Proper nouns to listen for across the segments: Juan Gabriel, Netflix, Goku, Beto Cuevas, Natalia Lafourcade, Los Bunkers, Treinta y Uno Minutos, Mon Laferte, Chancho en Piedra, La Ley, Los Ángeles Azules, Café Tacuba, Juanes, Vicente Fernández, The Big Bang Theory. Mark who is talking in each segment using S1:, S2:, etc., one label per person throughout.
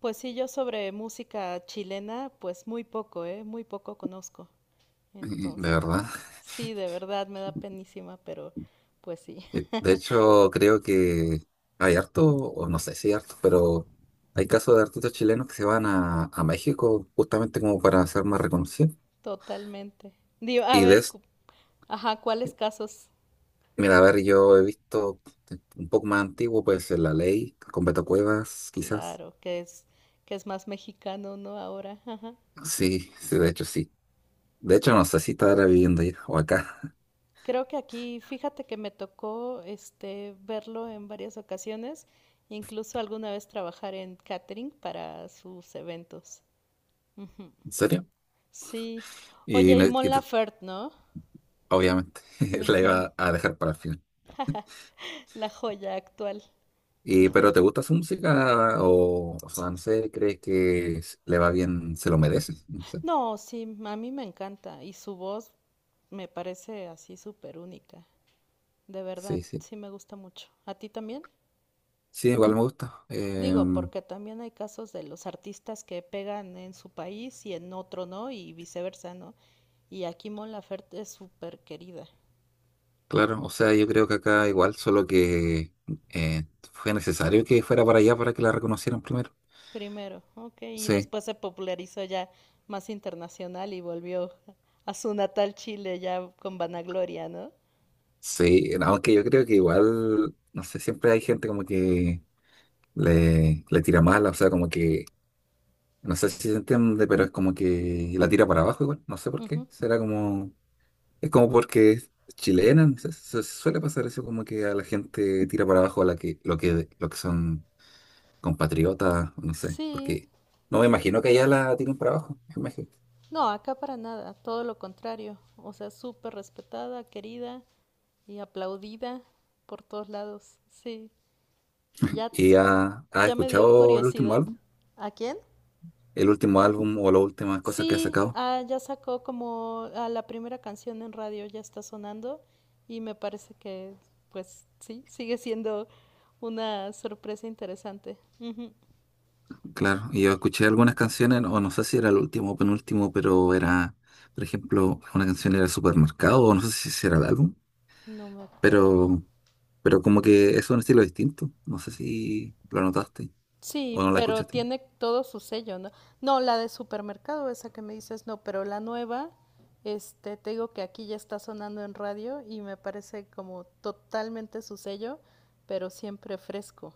S1: Pues sí, yo sobre música chilena, pues muy poco, ¿eh? Muy poco conozco.
S2: Mm, de
S1: Entonces,
S2: verdad.
S1: sí, de verdad me da penísima, pero pues sí,
S2: De hecho, creo que hay harto, o no sé si hay harto, pero hay casos de artistas chilenos que se van a México justamente como para ser más reconocidos.
S1: totalmente. Digo, a
S2: Y de
S1: ver,
S2: es-
S1: ajá, ¿cuáles casos?
S2: mira, a ver, yo he visto un poco más antiguo, pues en La Ley, con Beto Cuevas, quizás.
S1: Claro, que es más mexicano, ¿no? Ahora, ajá.
S2: Sí, sí. De hecho, no sé si estará viviendo ahí o acá.
S1: Creo que aquí, fíjate que me tocó verlo en varias ocasiones, incluso alguna vez trabajar en catering para sus eventos. Ujú.
S2: ¿En serio?
S1: Sí.
S2: Y,
S1: Oye, y
S2: no-
S1: Mon
S2: y tú-
S1: Laferte, ¿no?
S2: obviamente la
S1: Ujú.
S2: iba a dejar para el final.
S1: La joya actual.
S2: Pero ¿te gusta su música? O sea, no sé, ¿crees que le va bien, se lo merece? No sé.
S1: No, sí, a mí me encanta y su voz me parece así súper única. De verdad,
S2: Sí, sí.
S1: sí me gusta mucho. ¿A ti también?
S2: Sí, igual me gusta. Eh,
S1: Digo, porque también hay casos de los artistas que pegan en su país y en otro no y viceversa, ¿no? Y aquí Mon Laferte es súper querida.
S2: claro, o sea, yo creo que acá igual, solo que eh, fue necesario que fuera para allá para que la reconocieran primero.
S1: Primero, ok, y
S2: Sí,
S1: después se popularizó ya más internacional y volvió a su natal Chile ya con vanagloria, ¿no?
S2: sí, no, aunque yo creo que igual, no sé, siempre hay gente como que le tira mala, o sea, como que, no sé si se entiende, pero es como que la tira para abajo igual, no sé por qué.
S1: Ujú.
S2: Será como es como porque es chilena, se suele pasar eso como que a la gente tira para abajo a la que, lo que son compatriotas, no sé,
S1: Sí,
S2: porque no me imagino que allá la tiren para abajo, me imagino.
S1: no, acá para nada, todo lo contrario. O sea, súper respetada, querida y aplaudida por todos lados. Sí. Y ya,
S2: ¿Y ha
S1: ya me dio
S2: escuchado el último
S1: curiosidad.
S2: álbum?
S1: ¿A quién?
S2: El último álbum o las últimas cosas que ha
S1: Sí,
S2: sacado,
S1: ah, ya sacó como a la primera canción en radio, ya está sonando y me parece que, pues sí, sigue siendo una sorpresa interesante. Ujú.
S2: claro. Y yo escuché algunas canciones, o no sé si era el último o penúltimo, pero era, por ejemplo, una canción era Supermercado, o no sé si era el álbum,
S1: No me acuerdo.
S2: pero, pero como que es un estilo distinto, no sé si lo notaste. O
S1: Sí,
S2: no la
S1: pero
S2: escuchaste.
S1: tiene todo su sello, ¿no? No, la de supermercado, esa que me dices, no, pero la nueva, te digo que aquí ya está sonando en radio y me parece como totalmente su sello, pero siempre fresco.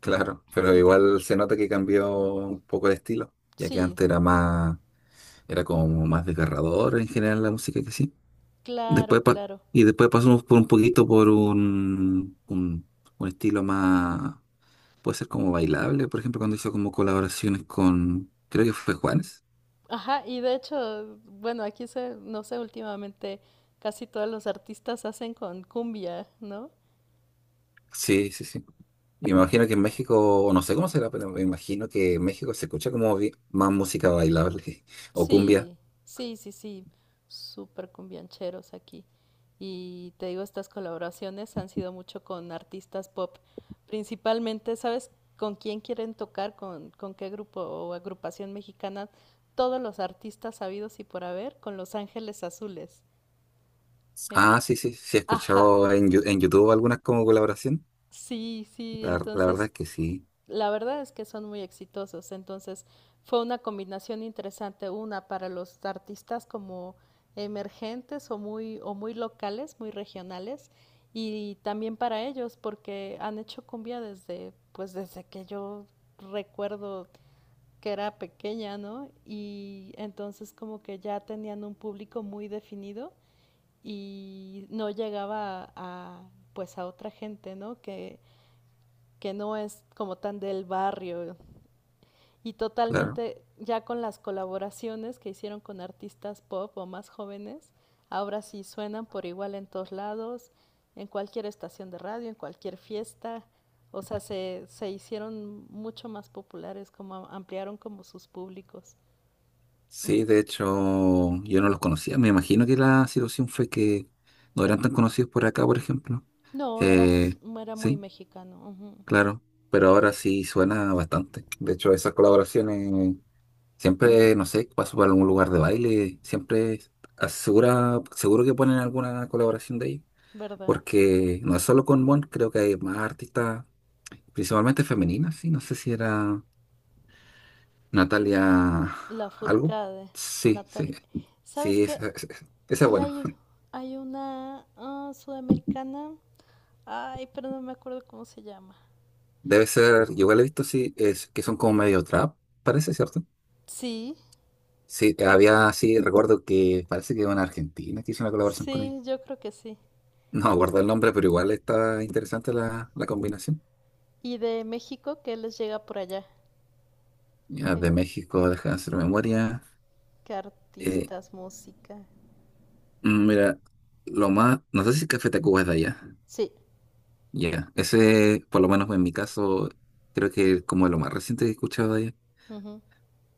S2: Claro, pero igual se nota que cambió un poco el estilo, ya que
S1: Sí,
S2: antes era más, era como más desgarrador en general la música, que sí.
S1: claro,
S2: Después pa-
S1: claro.
S2: y después pasamos por un poquito por un estilo más, puede ser como bailable, por ejemplo, cuando hizo como colaboraciones con, creo que fue Juanes.
S1: Ajá, y de hecho, bueno, aquí se, no sé, últimamente casi todos los artistas hacen con cumbia, ¿no?
S2: Sí, sí, sí. Y me imagino que en México, o no sé cómo será, pero me imagino que en México se escucha como más música bailable o cumbia.
S1: Sí, sí, sí, sí, súper cumbiancheros aquí. Y te digo, estas colaboraciones han sido mucho con artistas pop, principalmente. ¿Sabes con quién quieren tocar? ¿Con qué grupo o agrupación mexicana? Todos los artistas sabidos y por haber con Los Ángeles Azules. En-
S2: Ah, sí, sí, sí, he
S1: ajá,
S2: escuchado en YouTube algunas como colaboración.
S1: sí, sí,
S2: La verdad
S1: entonces
S2: es que sí,
S1: la verdad es que son muy exitosos. Entonces fue una combinación interesante, una para los artistas como emergentes o muy locales, muy regionales, y también para ellos, porque han hecho cumbia desde, pues desde que yo recuerdo que era pequeña, ¿no? Y entonces como que ya tenían un público muy definido y no llegaba a pues a otra gente, ¿no? Que no es como tan del barrio, y
S2: claro.
S1: totalmente ya con las colaboraciones que hicieron con artistas pop o más jóvenes, ahora sí suenan por igual en todos lados, en cualquier estación de radio, en cualquier fiesta, o sea, se hicieron mucho más populares, como ampliaron como sus públicos.
S2: Sí, de hecho, yo no los conocía. Me imagino que la situación fue que no eran tan conocidos por acá, por ejemplo.
S1: No, era,
S2: Eh,
S1: era muy
S2: sí,
S1: mexicano, uh -huh.
S2: claro. Pero ahora sí suena bastante. De hecho, esas colaboraciones siempre, no sé, paso por algún lugar de baile, siempre asegura, seguro que ponen alguna colaboración de ahí.
S1: ¿Verdad?
S2: Porque no es solo con Mon, creo que hay más artistas principalmente femeninas, sí, no sé si era Natalia
S1: La
S2: algo.
S1: Furcade,
S2: Sí, sí,
S1: Natalia. ¿Sabes
S2: sí,
S1: qué?
S2: esa es
S1: Y
S2: buena.
S1: hay una sudamericana, ay, pero no me acuerdo cómo se llama.
S2: Debe ser, yo igual he visto, sí, es que son como medio trap, parece, ¿cierto?
S1: Sí,
S2: Sí, había, sí, recuerdo que parece que una argentina que hizo una colaboración con él.
S1: sí, yo creo que sí.
S2: No guardo el nombre, pero igual está interesante la combinación.
S1: ¿Y de México qué les llega por allá?
S2: Ya,
S1: ¿Qué,
S2: de México, deja de hacer memoria.
S1: qué
S2: Eh,
S1: artistas, música?
S2: mira, lo más, no sé si Café Tacuba es de allá.
S1: Sí.
S2: Ya, ese, por lo menos en mi caso, creo que es como lo más reciente que he escuchado de ella.
S1: Ujú.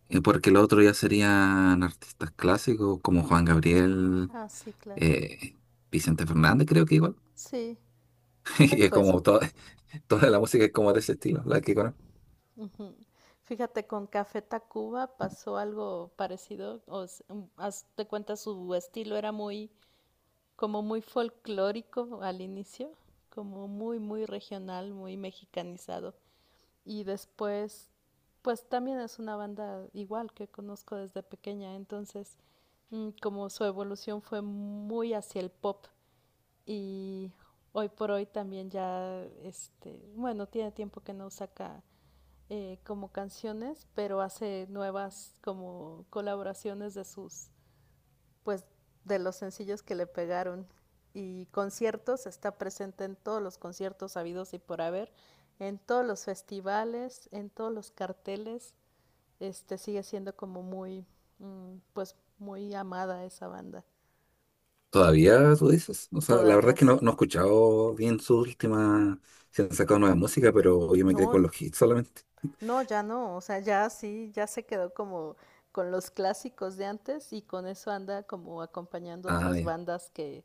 S2: Porque lo otro ya serían artistas clásicos como Juan Gabriel,
S1: Ah, sí, claro.
S2: eh, Vicente Fernández, creo que igual.
S1: Sí. Hoy
S2: Y es
S1: pues,
S2: como toda la música es como de ese estilo, la que conozco.
S1: ujú. Fíjate, con Café Tacuba pasó algo parecido. Haz de cuenta su estilo era muy, como muy folclórico al inicio, como muy, muy regional, muy mexicanizado. Y después, pues también es una banda igual que conozco desde pequeña, entonces como su evolución fue muy hacia el pop y hoy por hoy también ya, bueno, tiene tiempo que no saca como canciones, pero hace nuevas como colaboraciones de sus pues de los sencillos que le pegaron. Y conciertos, está presente en todos los conciertos habidos y por haber, en todos los festivales, en todos los carteles. Sigue siendo como muy, pues muy amada esa banda.
S2: Todavía tú dices. O sea, la verdad
S1: Todavía
S2: es que no,
S1: sí.
S2: no he escuchado bien su última, si han sacado nueva música, pero yo me quedé
S1: No,
S2: con los hits solamente.
S1: no, ya no, o sea, ya sí, ya se quedó como con los clásicos de antes y con eso anda como acompañando
S2: Ah,
S1: otras
S2: ya.
S1: bandas que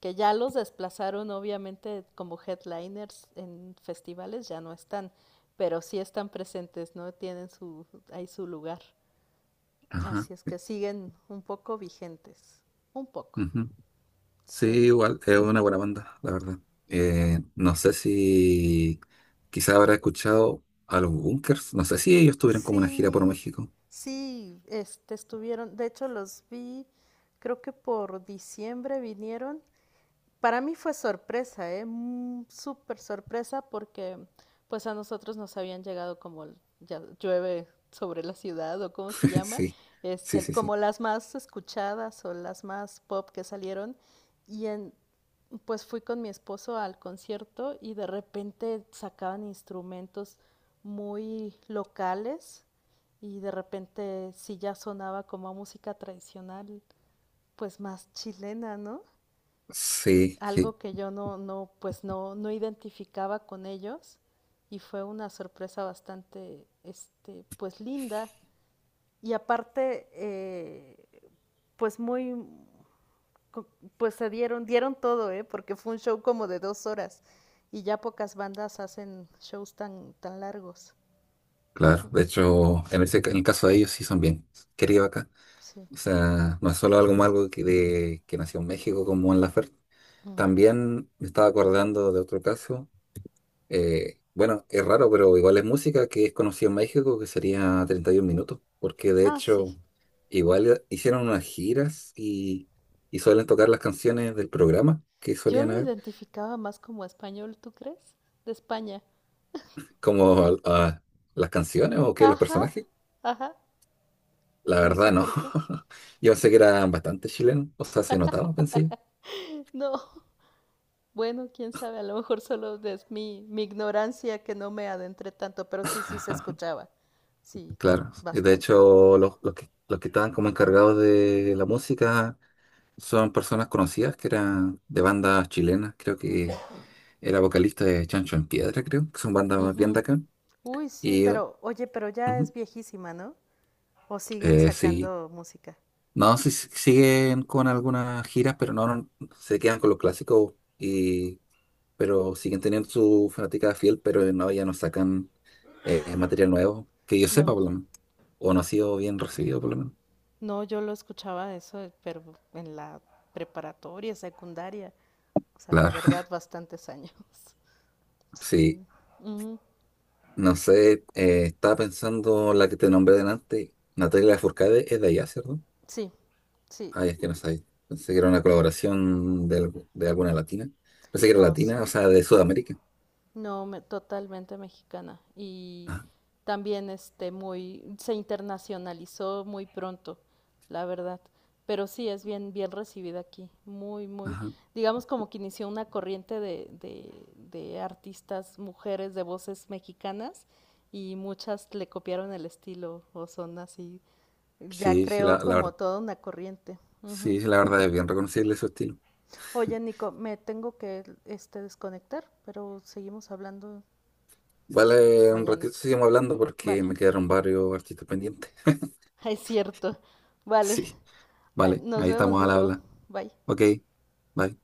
S1: que ya los desplazaron obviamente como headliners en festivales, ya no están, pero sí están presentes, ¿no? Tienen su, ahí su lugar.
S2: Ajá.
S1: Así es que siguen un poco vigentes, un poco,
S2: Sí,
S1: sí.
S2: igual, es una buena banda, la verdad. No sé si quizás habrá escuchado a los Bunkers, no sé si ellos tuvieron como una gira por
S1: Sí,
S2: México.
S1: sí, estuvieron, de hecho los vi, creo que por diciembre vinieron. Para mí fue sorpresa, ¿eh? Súper sorpresa porque pues a nosotros nos habían llegado como ya llueve sobre la ciudad o cómo se llama,
S2: Sí, sí, sí,
S1: como
S2: sí.
S1: las más escuchadas o las más pop que salieron y pues fui con mi esposo al concierto y de repente sacaban instrumentos muy locales y de repente sí ya sonaba como a música tradicional, pues más chilena, ¿no? Y
S2: Sí, sí,
S1: algo que yo pues no identificaba con ellos y fue una sorpresa bastante, pues linda y aparte, pues muy, pues se dieron, dieron todo, ¿eh? Porque fue un show como de 2 horas y ya pocas bandas hacen shows tan, tan largos.
S2: claro. De hecho, en en el caso de ellos sí son bien queridos acá.
S1: Sí.
S2: O sea, no es solo algo malo que nació en México, como en la Laferte.
S1: Uh -huh.
S2: También me estaba acordando de otro caso. Bueno, es raro, pero igual es música que es conocida en México, que sería 31 minutos, porque de
S1: Ah, sí.
S2: hecho igual hicieron unas giras y suelen tocar las canciones del programa que
S1: Yo
S2: solían
S1: lo
S2: haber,
S1: identificaba más como español, ¿tú crees? De España.
S2: como las canciones o que los
S1: Ajá,
S2: personajes.
S1: ajá.
S2: La
S1: No sé
S2: verdad, no.
S1: por qué.
S2: Yo pensé que eran bastante chilenos, o sea, se notaba, pensé yo.
S1: No. Bueno, quién sabe, a lo mejor solo es mi ignorancia que no me adentré tanto, pero sí, sí se escuchaba. Sí,
S2: Claro, y de
S1: bastante.
S2: hecho los que estaban como encargados de la música son personas conocidas que eran de bandas chilenas, creo que era vocalista de Chancho en Piedra, creo, que son bandas más bien
S1: Ujú.
S2: de acá.
S1: Uy, sí,
S2: Ujú,
S1: pero oye, pero ya es viejísima, ¿no? ¿O siguen
S2: sí.
S1: sacando música?
S2: No, sí, sí, siguen con algunas giras, pero no, no, se quedan con los clásicos, y pero siguen teniendo su fanática fiel, pero no, ya no sacan material nuevo, que yo sepa
S1: No,
S2: por lo menos. O no ha sido bien recibido por lo menos.
S1: no, yo lo escuchaba eso, pero en la preparatoria, secundaria, o sea, de
S2: Claro.
S1: verdad bastantes años.
S2: Sí,
S1: Sí. Ujú.
S2: no sé, estaba pensando la que te nombré delante, Natalia Lafourcade es de allá, ¿cierto?
S1: Sí, sí,
S2: Ay, es que no sabía. Pensé que era una colaboración de, de alguna latina. Pensé que era
S1: no, sí.
S2: latina, o sea, de Sudamérica.
S1: No, totalmente mexicana. Y
S2: Ah,
S1: también muy se internacionalizó muy pronto, la verdad. Pero sí es bien bien recibida aquí, muy muy
S2: ajá.
S1: digamos como que inició una corriente de artistas mujeres de voces mexicanas y muchas le copiaron el estilo o son así. Ya
S2: Sí, sí, la,
S1: creo
S2: la
S1: como
S2: verdad.
S1: toda una corriente.
S2: Sí,
S1: Ujú.
S2: sí, la verdad es bien reconocible su estilo.
S1: Oye, Nico, me tengo que desconectar, pero seguimos hablando pues
S2: Vale, un
S1: mañana.
S2: ratito seguimos hablando porque
S1: Vale,
S2: me quedaron varios artistas pendientes.
S1: es cierto. Vale.
S2: Sí,
S1: Ay,
S2: vale,
S1: nos
S2: ahí
S1: vemos,
S2: estamos al
S1: Nico.
S2: habla.
S1: Bye.
S2: Ok, bye.